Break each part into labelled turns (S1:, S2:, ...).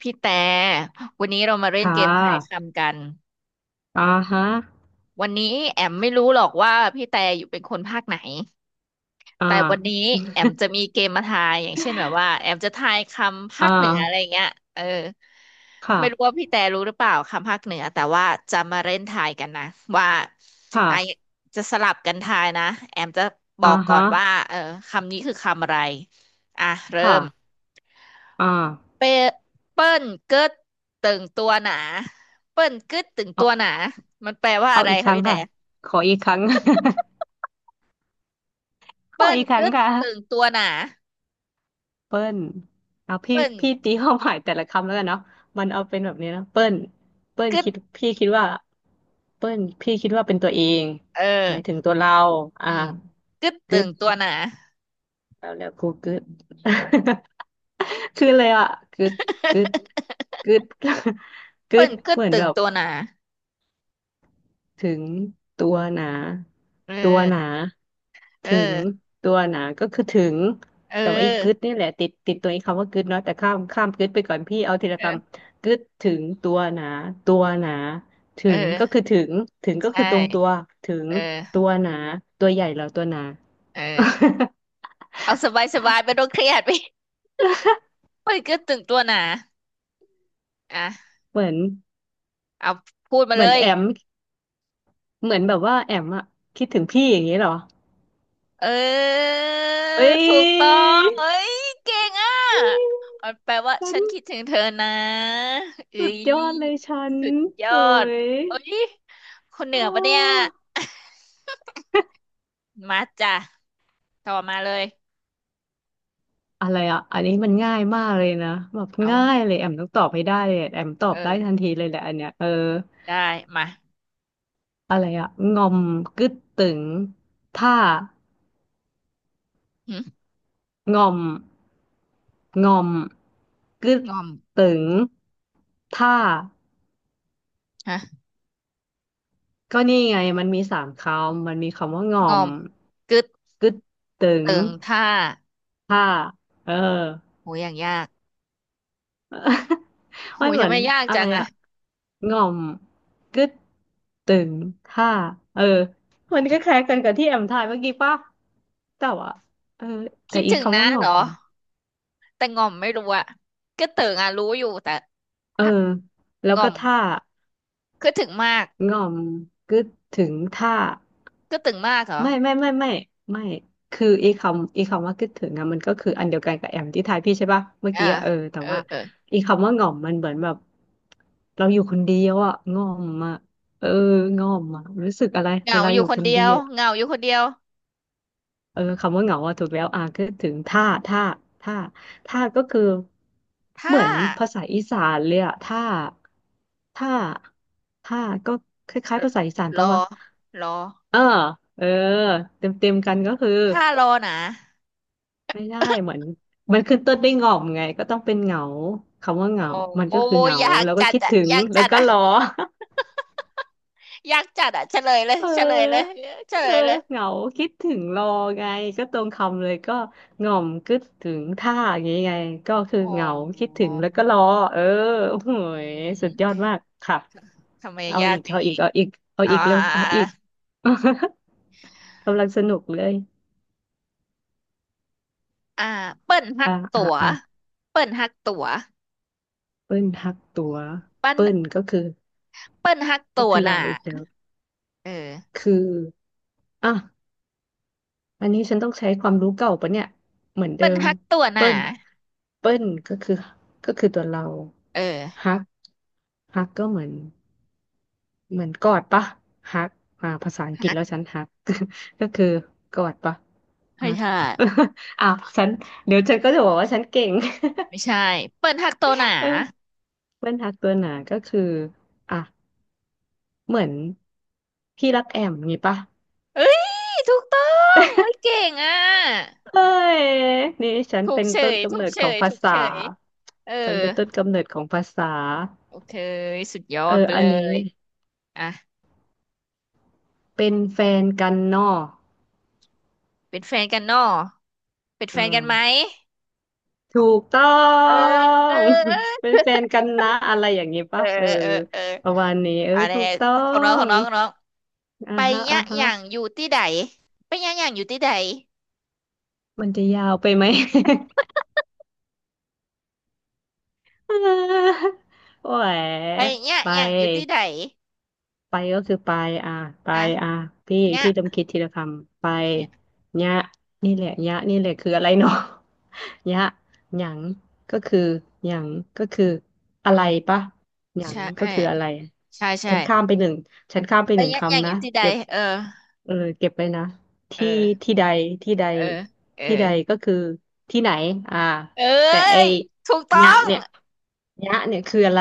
S1: พี่แต่วันนี้เรามาเล่น
S2: ค่
S1: เกมทาย
S2: ะ
S1: คำกัน
S2: อ่าฮะ
S1: วันนี้แอมไม่รู้หรอกว่าพี่แต่อยู่เป็นคนภาคไหน
S2: อ่
S1: แต่วันนี้
S2: า
S1: แอมจะมีเกมมาทายอย่างเช่นแบบว่าแอมจะทายคำ
S2: อ่
S1: ภาคเหนืออะไร
S2: า
S1: เงี้ยเออไม่รู้ว่า
S2: ค่ะ
S1: พี่แต่รู้หรือเปล่าคำภาคเหนือแต่ว่าจะมาเล่นทายกันนะว่าไอะ
S2: ค่ะ
S1: จะสลับกันทายนะแอมจะบอ
S2: อ่า
S1: กก่อ
S2: ฮะ
S1: นว่าเออคำนี้คือคำอะไรอ่ะเริ่ม
S2: ค่ะอ่า
S1: เปเปิ้ลกึดตึงตัวหนาเปิ้ลกึดตึง
S2: เอ
S1: ตัวห
S2: า
S1: นามันแปลว่า
S2: เอา
S1: อะไร
S2: อีกค
S1: คะ
S2: รั้ง
S1: พี่แต่
S2: ค่ะ ขออีกครั้ง ขอ
S1: เปิ้ล
S2: อีกครั้
S1: กึ
S2: ง
S1: ด
S2: ค่ะ
S1: ตึงตัวหนา
S2: เปิ้ลเอาพี่
S1: เปิ้ล
S2: พี่ตีความหมายแต่ละคำแล้วกันเนาะมันเอาเป็นแบบนี้นะเปิ้ลเปิ้ล
S1: กึด
S2: คิดพี่คิดว่าเปิ้ลพี่คิดว่าเป็นตัวเอง
S1: เอ
S2: หมายถึ
S1: อ
S2: งตัวเราอ่า
S1: อืมกึดตึ
S2: กึด
S1: งตัวหนา
S2: แล้วกูกึด คือเลยอ่ะกึดกึด กึดกึ
S1: เปิ้
S2: ด
S1: ล กึ
S2: เห
S1: ด
S2: มือน
S1: ตึ
S2: แบ
S1: ง
S2: บ
S1: ตัวหนา
S2: ถึงตัวหนา
S1: เออ
S2: ตัวหนา
S1: เออ
S2: ถึงตัวหนาก็คือถึง
S1: เอ
S2: แต่ว่าอีกกึด
S1: อ
S2: นี่แหละติดตัวไอ้คำว่ากึดเนาะแต่ข้ามกึดไปก่อนพี่เอาทีละ
S1: เอ
S2: ค
S1: อ
S2: ำกึดถึงตัวหนาตัวหนาถึ
S1: เออ
S2: งก็คือถึงถึงก็คื
S1: ใช่
S2: อตรงตัวถึง
S1: เออ
S2: ตัวหนาตัวใหญ่เหรอตัวหนา
S1: เออ เอาสบายสบายไม่ต้องเครียด พี่ เปิ้ลกึดตึงตัวหนาอ่ะ
S2: เหมือน
S1: เอาพูดมา
S2: เหมื
S1: เล
S2: อน
S1: ย
S2: แอมเหมือนแบบว่าแอมอะคิดถึงพี่อย่างนี้เหรอ
S1: เออ
S2: เอ้
S1: ถูกต้อ
S2: ย
S1: งเอ้ยเก่งอ่ะมันแปลว่า
S2: ฉั
S1: ฉั
S2: น
S1: นคิดถึงเธอนะเอ้
S2: สุดย
S1: ย
S2: อดเลยฉัน
S1: สุดยอ
S2: โอ้
S1: ด
S2: ย
S1: เอ้ยคนเห นือปะเนี่ย
S2: เออ
S1: มาจ้ะต่อมาเลย
S2: อะไรอ่ะอันนี้มันง่ายมากเลยนะแบบ
S1: เอา
S2: ง่า
S1: วะ
S2: ยเลยแอมต้องตอบให้ได้เลยแอมตอบได้ทั
S1: เออ
S2: นทีเลยแหละอันเนี้ยเออ
S1: ได้มา
S2: อะไรอ่ะงอมกึดตึงถ้า
S1: หึง
S2: งอมงอมกึด
S1: อม
S2: ตึงถ้า
S1: ฮะ
S2: ก็นี่ไงมันมีสามคำมันมีคำว่าง
S1: ง
S2: อ
S1: อ
S2: ม
S1: มกึด
S2: กึดตึง
S1: เติงท่า
S2: ถ้าเออ
S1: โหอย่างยาก โห
S2: ไม่เห
S1: จะ
S2: มือน
S1: ไม่ยาก
S2: อะ
S1: จั
S2: ไร
S1: งอะ
S2: อะง่อมกึดตึงท่าเออ มันก็คล้ายกันกับที่แอมทายเมื่อกี้ป่ะแต่ว่า เออ แต่
S1: คิด
S2: อีก
S1: ถึง
S2: คำ
S1: นะ
S2: ว่าง่อ
S1: เหร
S2: ม
S1: อ
S2: มัน
S1: แต่งอมไม่รู้อะกึดเติงอะรู้อยู่แต่
S2: เออ
S1: ถ้า
S2: แล้ว
S1: งอ
S2: ก็
S1: ม
S2: ท่า
S1: คือถึงมาก
S2: ง่อมกึดถึงถ้า
S1: ก็ตึงมากเหรอ
S2: ไม่ไม่ไม่ไม่ไม่คือไอีคำไอีคำว่าคิดถึงอะมันก็คืออันเดียวกันกับแอมที่ทายพี่ใช่ปะเมื่อ
S1: อ่า
S2: กี้อะเออแต่
S1: เออ
S2: ว่า
S1: เออ
S2: ไอีคำว่าง่อมมันเหมือนแบบเราอยู่คนเดียวอะง่อมอะเออง่อมอะรู้สึกอะไร
S1: เห
S2: เว
S1: งา
S2: ลา
S1: อ
S2: อ
S1: ยู่
S2: ยู่
S1: ค
S2: ค
S1: น
S2: น
S1: เดีย
S2: เดี
S1: ว
S2: ยว
S1: เหงาอยู่คนเดียว
S2: เออคำว่าเหงาอะถูกแล้วอ่ะคิดถึงท่าท่าท่าท่าก็คือเห
S1: ถ้า
S2: มือนภาษาอีสานเลยอะท่าท่าท่าก็คล้ายๆภาษาอีสาน
S1: ร
S2: ปะ
S1: อ
S2: วะ
S1: รอ
S2: เออเออเต็มเต็มกันก็คือ
S1: ถ้ารอนะ
S2: ไม่ได้เหมือนมันขึ้นต้นด้วยงอมไงก็ต้องเป็นเหงาคำว่าเห
S1: โอ้
S2: งามัน
S1: โอ้
S2: ก็คือเหงา
S1: อยาก
S2: แล้วก็
S1: จัด
S2: คิด
S1: อะ
S2: ถึง
S1: อยาก
S2: แล้
S1: จั
S2: ว
S1: ด
S2: ก็
S1: อะ
S2: รอ
S1: อยากจัดอะเฉลยเลย
S2: เ
S1: เฉลยเลย
S2: ออ
S1: เฉ
S2: เอ
S1: ล
S2: อ
S1: ยเลย
S2: เหงาคิดถึงรอไงก็ตรงคำเลยก็หง่อมคิดถึงท่าอย่างงี้ไงก็คือ
S1: อ๋อ
S2: เหงาคิดถึงแล้วก็รอเออโอ้โห
S1: อื
S2: ยสุดยอ
S1: ม
S2: ดมากค่ะ
S1: ทำไม
S2: เอา
S1: ยา
S2: อี
S1: ก
S2: ก
S1: อย่าง
S2: เอาอี
S1: นี้
S2: กเอาอีกเอา
S1: อ่า
S2: อีกเร็วเอาอีก กำลังสนุกเลย
S1: อ่าเปิ้นฮั
S2: อ่า
S1: กตั๋
S2: อ่า
S1: ว
S2: อ่า
S1: เปิ้นฮักตั๋ว
S2: เปิ้ลทักตัว
S1: เปิ้น
S2: เปิ้ลก็คือ
S1: เปิ้นฮัก
S2: ก็
S1: ตั๋ว
S2: คือเรา
S1: น่ะ
S2: อีกแล้ว
S1: เออ
S2: คืออ่ะอันนี้ฉันต้องใช้ความรู้เก่าปะเนี่ยเหมือนเดิ
S1: เปิ้น
S2: ม
S1: ฮักตั๋ว
S2: เปิ้
S1: น่ะ
S2: ลเปิ้ลก็คือก็คือตัวเรา
S1: เออ
S2: ฮักฮักก็เหมือนกอดปะฮักอ่าภาษาอังกฤ
S1: ฮั
S2: ษ
S1: ก
S2: แล้วฉันฮัก ก็คือกอดปะ
S1: ให้
S2: ฮัก
S1: ใช่
S2: อ้าวฉันเดี๋ยวฉันก็จะบอกว่าฉันเก่ง
S1: ไม่ใช่เปิ้ลหักโตหนา
S2: เออเปิ้ลฮักตัวหนาก็คืออ่ะเหมือนพี่รักแอมงี้ปะ
S1: เอ้ยถูกต้องเฮ้ยเก่งอ่ะ
S2: เฮ้ยนี่ฉัน
S1: ถูก
S2: เป็น
S1: เฉ
S2: ต้น
S1: ย
S2: กำ
S1: ถู
S2: เนิ
S1: ก
S2: ด
S1: เฉ
S2: ของ
S1: ย
S2: ภา
S1: ถูก
S2: ษา
S1: เฉยเออ
S2: ฉันเป็นต้นกำเนิดของภาษา
S1: โอเคสุดยอ
S2: เออ
S1: ดไป
S2: อั
S1: เล
S2: นนี้
S1: ยอ่ะ
S2: เป็นแฟนกันเนอะ
S1: เป็นแฟนกันเนอะเป็น
S2: อื
S1: แฟนกันไหม
S2: มถูกต้อ
S1: เออเอ
S2: ง
S1: อ
S2: เป็นแฟนกันนะอะไรอย่างงี้
S1: เอ
S2: ปะ
S1: อ
S2: เออ
S1: เออเออ
S2: ประมาณนี้เออ
S1: อันนี้
S2: ถูกต้อ
S1: ของน้องข
S2: ง
S1: องน้องของน้อง
S2: อ่า
S1: ไป
S2: ฮะอ่า
S1: ยะอ
S2: ฮะ
S1: ย่างอยู่ที่ใดไปยะอย่างอยู่ที่ใด
S2: มันจะยาวไปไหม อ่าโอ้ย
S1: ไปยะ
S2: ไป
S1: อย่างอยู่ที่ใด
S2: ไปก็คือไปอ่ะไป
S1: อ่ะ
S2: อ่ะพี่
S1: ยะ
S2: พี่ต้องคิดทีละคำไป
S1: เนี่ย
S2: ยะนี่แหละยะนี่แหละคืออะไรเนาะ ยะหยังก็คือหยังก็คืออะ
S1: อื
S2: ไร
S1: ม
S2: ปะหยัง
S1: ใช่เอ
S2: ก็
S1: อ
S2: คืออะไร
S1: ใช่ใช่
S2: ฉันข้ามไปหนึ่งฉันข้ามไป
S1: ไป
S2: หนึ่ง
S1: ยะอย่าง
S2: คำ
S1: อ
S2: นะ
S1: ยู่ที่ใด
S2: เก็บ
S1: เออ
S2: เออเก็บไว้นะ
S1: เอ
S2: ที่
S1: อ
S2: ที่ใดที่ใด
S1: เออเออ
S2: ที่ใดก็คือที่ไหนอ่า
S1: เอ้
S2: แต่ไอ้
S1: ยถูกต้อ
S2: ยะ
S1: ง
S2: เนี่ยยะเนี่ยคืออะไร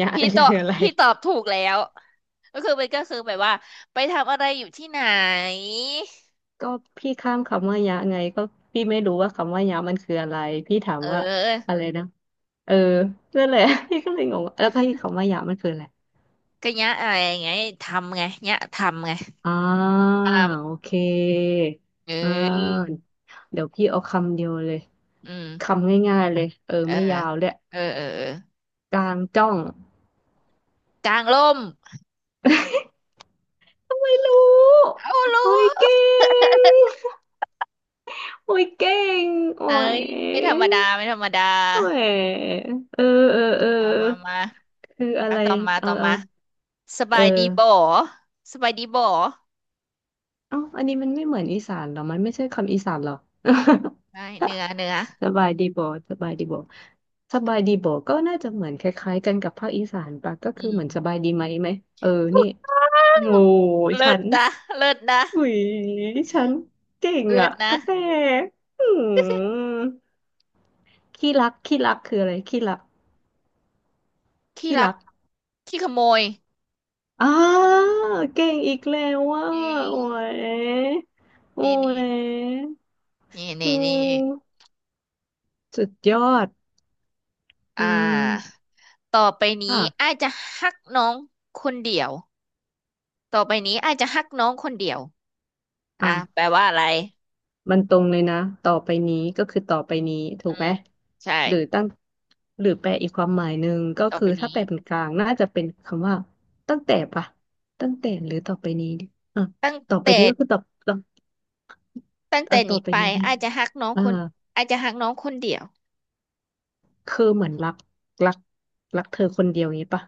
S2: ยะ
S1: พี่
S2: เนี่ย
S1: ตอบ
S2: คืออะไร
S1: พี่ตอบถูกแล้ว ก็คือมันก็คือแบบว่าไปทำอะไรอยู่ที่ไหน
S2: ก็พี่ข้ามคำว่ายะไงก็พี่ไม่รู้ว่าคำว่ายะมันคืออะไรพี่ถาม
S1: เ
S2: ว่า
S1: ออ
S2: อะไรนะเออนั่นแหละ พี่ก็เลยงงว่าแล้วก็ที่คำว่ายะมันคืออะไร
S1: ก็เนี้ยอะไรไงทำไงเนี้ยทำไง
S2: อ่า
S1: ทำ
S2: โอเค
S1: เอ้
S2: อ่
S1: ย
S2: าเดี๋ยวพี่เอาคำเดียวเลย
S1: อืม
S2: คำง่ายๆเลยเออ
S1: เออ
S2: ไม่ยาวเลย
S1: เออเออเออ
S2: กลางจ้อง
S1: กางร่ม
S2: ไม่รู้
S1: เอารู้
S2: โอ้ยเก่งโอ้ยเก่งโอ้
S1: เอ้
S2: ย
S1: ยไม่ธรรมดาไม่ธรรมดา
S2: โอ้ยเออเออเออ
S1: มามามา
S2: คืออะ
S1: เอา
S2: ไร
S1: ต่อมา
S2: เอา
S1: ต่อ
S2: เอา
S1: มาส
S2: เอ
S1: บา
S2: อ
S1: ยดีบ่สบายดีบ่
S2: เอ้าอันนี้มันไม่เหมือนอีสานเหรอมันไม่ใช่คำอีสานเหรอ
S1: ได้เนื้อ เนื้อ
S2: สบายดีบ่สบายดีบ่สบายดีบ่ก็น่าจะเหมือนคล้ายๆกันกับภาคอีสานปะก็
S1: อื
S2: คือเหมือนสบา
S1: ม
S2: ยดีไหมไหมเออนี่โง่
S1: เลิ
S2: ฉั
S1: ศ
S2: น
S1: นะเลิศนะ
S2: อุยฉันเก่ง
S1: เลิ
S2: อ่ะ
S1: ศ
S2: ก
S1: นะ
S2: ระแตอืมขี้รักขี้รักคืออะไรขี้รัก
S1: ที่
S2: ขี้
S1: รัก
S2: รัก
S1: ที่ขโมย
S2: อ้าเก่งอีกแล้วอ่ะ
S1: นี่
S2: โอ้ยโอ้
S1: นี่นี่
S2: ย
S1: นี่
S2: อื
S1: นี่นี่
S2: มสุดยอดอื
S1: อ่
S2: ม
S1: าต่อไปนี้
S2: ค่ะ
S1: อาจจะฮักน้องคนเดียวต่อไปนี้อาจจะฮักน้องคนเดียวอ่ะ
S2: อ่ะ
S1: แปลว่าอะไร
S2: มันตรงเลยนะต่อไปนี้ก็คือต่อไปนี้ถู
S1: อื
S2: กไหม
S1: มใช่
S2: หรือตั้งหรือแปลอีกความหมายหนึ่งก็
S1: ต่อ
S2: คื
S1: ไป
S2: อถ้า
S1: นี้
S2: แปลเป็นกลางน่าจะเป็นคำว่าตั้งแต่ปะตั้งแต่หรือต่อไปนี้ดิอ่ะ
S1: ตั้ง
S2: ต่อไป
S1: แต่
S2: นี้ก็คือต่อ
S1: ตั้งแต่
S2: เอาต่อ
S1: นี้
S2: ไป
S1: ไป
S2: นี้นะ
S1: อาจจะฮักน้อง
S2: อ่า
S1: คนอาจจะฮักน้องคนเดียว
S2: คือเหมือนรักรักรักเธอคนเดียวนี้ปะ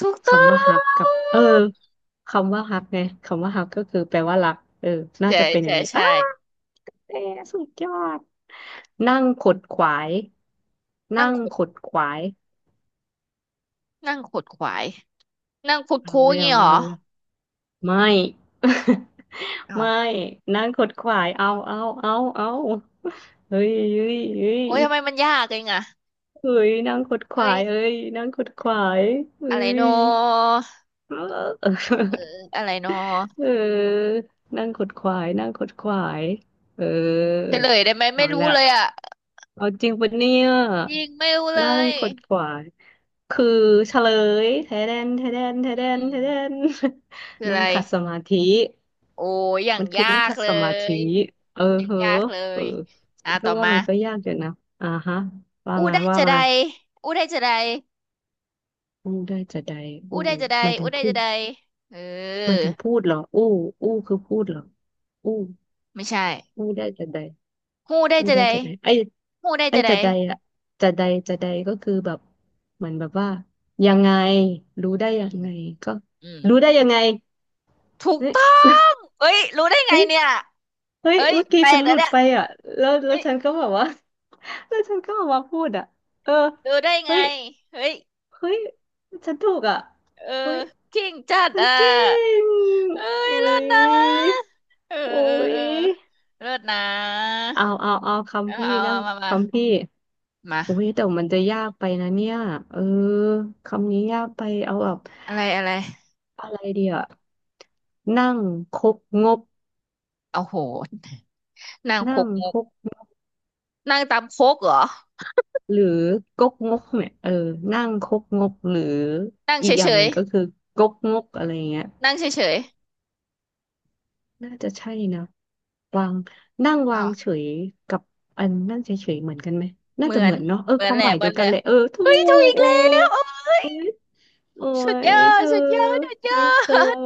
S1: ถูกต้อ
S2: คำว่าฮักกับ
S1: ง
S2: คำว่าฮักไงคำว่าฮักก็คือแปลว่ารักเออน่า
S1: ใช่
S2: จะเป็นอ
S1: ใช่
S2: ย่างนี้อ้า
S1: ใช่
S2: เตสุดยอดนั่งขดขวาย
S1: นั่
S2: นั่
S1: ง
S2: ง
S1: ขด
S2: ขดขวาย
S1: นั่งขดขวาย นั่งคุด
S2: เอา
S1: คู้อ
S2: แล้
S1: ย่าง
S2: ว
S1: งี้เหร
S2: เอา
S1: อ
S2: แล้วไม่
S1: อ๋อ
S2: ไม่นั่งขดขวายเอาเฮ้ย
S1: โอ้ยทำไมมันยากเองอะ
S2: เฮ้ยนั่งขดขวา
S1: เอ้ย
S2: ยเอ้ยนั่งขดขวายเฮ้
S1: อะไรโน
S2: ย เออ เออ
S1: อะไรโน
S2: เอนั่งขดขวายเออ
S1: เฉลยได้ไหม
S2: เอา
S1: ไม่รู้
S2: ละ
S1: เลยอะ
S2: เอาจริงปะเนี่ย
S1: จริงไม่รู้เล
S2: นั่ง
S1: ย
S2: ขดขวายคือเฉลย
S1: อื
S2: แท
S1: ม
S2: เดน
S1: คือ อะ
S2: นั่
S1: ไร
S2: งขัดสมาธิ
S1: โอ้ย อย่าง
S2: มันคือ
S1: ยา
S2: นั่ง
S1: ก
S2: ขัด
S1: เล
S2: สมาธิ
S1: ย
S2: เออ
S1: อย่าง
S2: เห
S1: ยา
S2: อะ
S1: กเล
S2: เออ
S1: ยอ่ะ
S2: ฉันก็
S1: ต่อ
S2: ว่า
S1: มา
S2: มันก็ยากอยู่นะอ่าฮะ
S1: อู้ได้
S2: ว่า
S1: จะใด
S2: มา
S1: อู้ได้จะใด
S2: อู้ได้จะใด
S1: อู้
S2: อู้
S1: ได้จะใด
S2: ไม่ถึ
S1: อู้
S2: ง
S1: ได้
S2: พู
S1: จะ
S2: ด
S1: ใดเอ
S2: หมาย
S1: อ
S2: ถึงพูดเหรออู้คือพูดเหรออู้
S1: ไม่ใช่
S2: อู้ได้จะใด
S1: หู้ได้
S2: อู้
S1: จะ
S2: ได้
S1: ใด
S2: จะใดไอ้
S1: หู้ได้
S2: ไอ้
S1: จะใด
S2: จะใดอะจะใดจะใดก็คือแบบเหมือนแบบว่ายังไงรู้ได้
S1: อื
S2: ยัง
S1: ม
S2: ไงก็
S1: อืม
S2: รู้ได้ยังไง
S1: ถูก
S2: เฮ้ย
S1: ต้องเอ้ยรู้ได้ไง
S2: เฮ้ย
S1: เนี่ย
S2: เฮ้ย
S1: เอ้ย
S2: เมื่อกี้
S1: แปล
S2: ฉั
S1: ก
S2: นห
S1: แล้ว
S2: ลุด
S1: เนี่ย
S2: ไปอ่ะแล้วแล้
S1: เฮ้
S2: ว
S1: ย
S2: ฉันก็แบบว่า แล้วฉันก็ออกมาพูดอ่ะเออ
S1: รู้ได้ไง
S2: เฮ้ย
S1: เฮ้ย
S2: เฮ้ยฉันถูกอ่ะ
S1: เอ
S2: เฮ้
S1: อ
S2: ย
S1: กิ้งจัด
S2: ฉัน
S1: อ่ะ
S2: เก่ง
S1: เอ้ย
S2: อุ้
S1: เลิศน
S2: ย
S1: ะเออ
S2: โอ้
S1: เออ
S2: ย
S1: เออเลิศนะ
S2: เอา
S1: เอา
S2: คำพี่
S1: เอา
S2: นั่ง
S1: เอามามา
S2: คำพี่
S1: มา
S2: อุ้ยแต่มันจะยากไปนะเนี่ยเออคำนี้ยากไปเอาแบบ
S1: อะไรอะไร
S2: อะไรเดียวนั่งคกงบ
S1: เอ้โหนั่งโค
S2: นั่ง
S1: กง
S2: ค
S1: ก
S2: กงบ
S1: นั่งตามโคกเหรอ
S2: หรือกกงกเนี่ยเออนั่งคกงกหรือ
S1: นั่ง
S2: อีกอ
S1: เฉ
S2: ย่างห
S1: ย
S2: นึ่งก็คือกกงกอะไรเงี้ย
S1: ๆนั่งเฉย
S2: น่าจะใช่นะวางนั่ง
S1: ๆอ๋
S2: วา
S1: อ
S2: งเฉยกับอันนั่งเฉยๆเหมือนกันไหมน่า
S1: เหมื
S2: จะ
S1: อ
S2: เหมื
S1: น
S2: อนเนาะเออ
S1: เหมื
S2: ค
S1: อน
S2: วาม
S1: แหละ
S2: หมาย
S1: เห
S2: เดี
S1: มื
S2: ย
S1: อน
S2: ว
S1: เล
S2: กัน
S1: ย
S2: เลยเออถู
S1: เฮ้ยถูก
S2: ก
S1: อีก
S2: โอ้
S1: แล้วเอ้ย
S2: โอ้
S1: สุดย
S2: ย
S1: อ
S2: เธ
S1: ด
S2: อ
S1: สุดยอดสุดย
S2: ไฮ
S1: อ
S2: โซ
S1: ด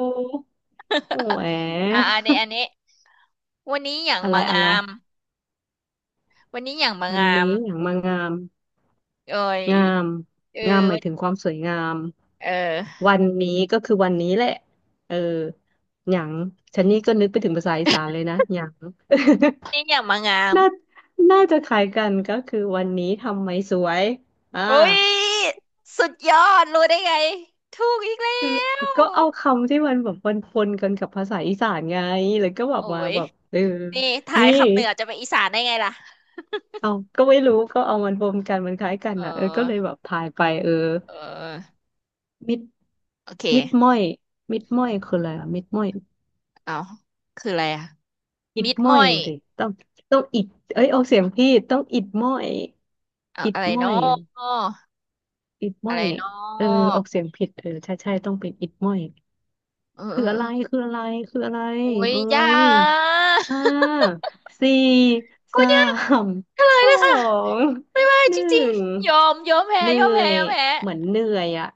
S2: โอ้ย
S1: อ่าอันนี้อันนี้วันนี้อย่าง
S2: อะไร
S1: มา
S2: อะไร
S1: งามวันนี้อย่างมา
S2: วัน
S1: งาม
S2: นี้อย่างมางาม
S1: เอ้ย
S2: งาม
S1: เออ
S2: งามหมายถึงความสวยงาม
S1: เออ
S2: วันนี้ก็คือวันนี้แหละเอออย่างฉันนี่ก็นึกไปถึงภาษาอีสานเลยนะอย่าง
S1: นี่อย่างมางาม
S2: น่าน่าจะคล้ายกันก็คือวันนี้ทำไมสวยอ่า
S1: เอ้ยสุดยอดรู้ได้ไงถูกอีกแล้
S2: คือ
S1: ว
S2: ก็เอาคำที่มันแบบปนๆกันกับภาษาอีสานไงแล้วก็แบบ
S1: โอ้
S2: มา
S1: ย
S2: แบบ
S1: นี่ทาย
S2: นี่
S1: คำเหนือจะเป็นอีสานได้ไงล่ะ
S2: เอาก็ไม่รู้ก็เอามันรวมกันมันคล้ายกัน
S1: เออ
S2: อ่ะก็เลยแบบทายไปเออ
S1: เออ
S2: มิด
S1: โอเค
S2: ม้อยคืออะไรอ่ะมิดม้อย
S1: เอาคืออะไรอะ
S2: อิด
S1: มิด
S2: ม้อ
S1: ม้อ
S2: ย
S1: ย
S2: สิต้องต้องอิดเอ้ยออกเสียงผิดต้องอิดม้อย
S1: เอา
S2: อิด
S1: อะไร
S2: ม้อ
S1: เนาะ
S2: ยอิด
S1: อะ
S2: ม้อ
S1: ไร
S2: ย
S1: เนา
S2: เออ
S1: ะ
S2: ออกเสียงผิดเออใช่ใช่ต้องเป็นอิดม้อย
S1: เออเอ
S2: คือ
S1: อ
S2: อะ
S1: เอ
S2: ไร
S1: อ
S2: คืออะไร
S1: โอ้ย
S2: เอ้
S1: ยา
S2: ย ห้า
S1: ก
S2: สี่
S1: กู
S2: สา
S1: เนี่ยง
S2: ม
S1: เฉลย
S2: สอ
S1: เลยค่ะ
S2: ง
S1: ไม่ไหว
S2: ห
S1: จ
S2: นึ่
S1: ริง
S2: ง
S1: ๆยอม ยอมแพ้
S2: เหนื่
S1: ยอม
S2: อ
S1: แพ้
S2: ย
S1: ยอมแพ้
S2: เหมือนเหนื่อยอ่ะ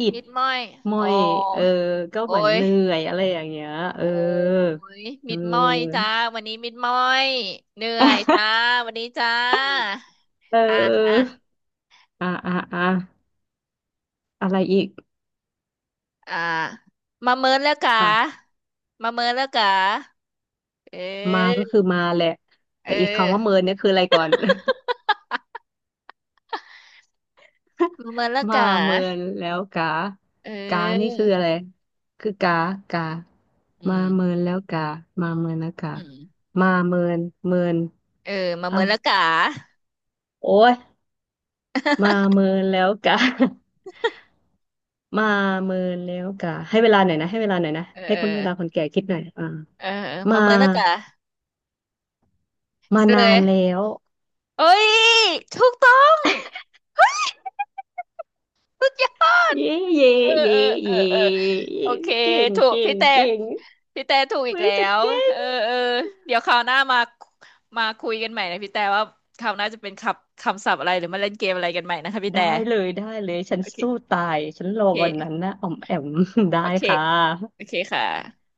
S2: อิด
S1: มิดม้อย
S2: มอ
S1: โอ้
S2: ยเออก็
S1: โอ้
S2: เหมือน
S1: ย
S2: เหนื่อยอะไรอย่างเงี้ยเอ
S1: โอ้
S2: อ
S1: ย
S2: เอ
S1: มิดม้อยจ้า
S2: อ
S1: วันนี้มิดม้อยเหนื่อยจ้า วันนี้จ้า
S2: เ
S1: อ่ะอ่ะ
S2: อออ่าอ่าอะไรอีก
S1: อ่ะมาเมินแล้วกะ
S2: อ่ะ
S1: มาเมินแล้วกะ
S2: มาก็
S1: เออ
S2: คือมาแหละ
S1: เอ
S2: แต่
S1: อ
S2: อีกคำว่าเมินเนี่ยคืออะไรก่อน
S1: มาเมินแล้ว
S2: มา
S1: กะ
S2: เมินแล้วกา
S1: เ
S2: กานี่
S1: ออ
S2: คืออะไรคือกากา
S1: อื
S2: มา
S1: ม
S2: เมินแล้วกามาเมินแล้วกา
S1: อืม
S2: มาเมินเมิน
S1: เออมา
S2: เอ้า
S1: เมินแล้วกะ
S2: โอ้ยมาเมินแล้วกา มาเมินแล้วกาให้เวลาหน่อยนะ
S1: เออ
S2: ให้
S1: เออ
S2: คุณเวลาคนแก่คิดหน่อยอ่า
S1: เออมา
S2: มา
S1: เมินแล้วกะ
S2: มา
S1: เล
S2: นาน
S1: ย
S2: แล้ว
S1: เอ้ยถูกต้องเฮ้ยสุดยอด
S2: เย่เย่
S1: เออเอ
S2: เย่
S1: อเออ
S2: เย่
S1: เออโอ
S2: เย่
S1: เค
S2: เก่ง
S1: ถูก
S2: เก่
S1: พี่
S2: ง
S1: แต่
S2: เก่ง
S1: พี่แต่ถูกอีก
S2: เฮ้ย
S1: แล้
S2: จัด
S1: ว
S2: เก่
S1: เอ
S2: ง
S1: อเออเดี๋ยวคราวหน้ามามาคุยกันใหม่นะพี่แต่ว่าคราวหน้าจะเป็นคำคำศัพท์อะไรหรือมาเล่นเกมอะไรกันใหม่นะคะพี่
S2: ได้
S1: แต่
S2: ได้เลยฉัน
S1: โอเค
S2: สู้ตายฉันร
S1: โอ
S2: อ
S1: เค
S2: วันนั้นนะอ่อมแอม ได้
S1: โอเค
S2: ค่ะ
S1: โอเคค่ะ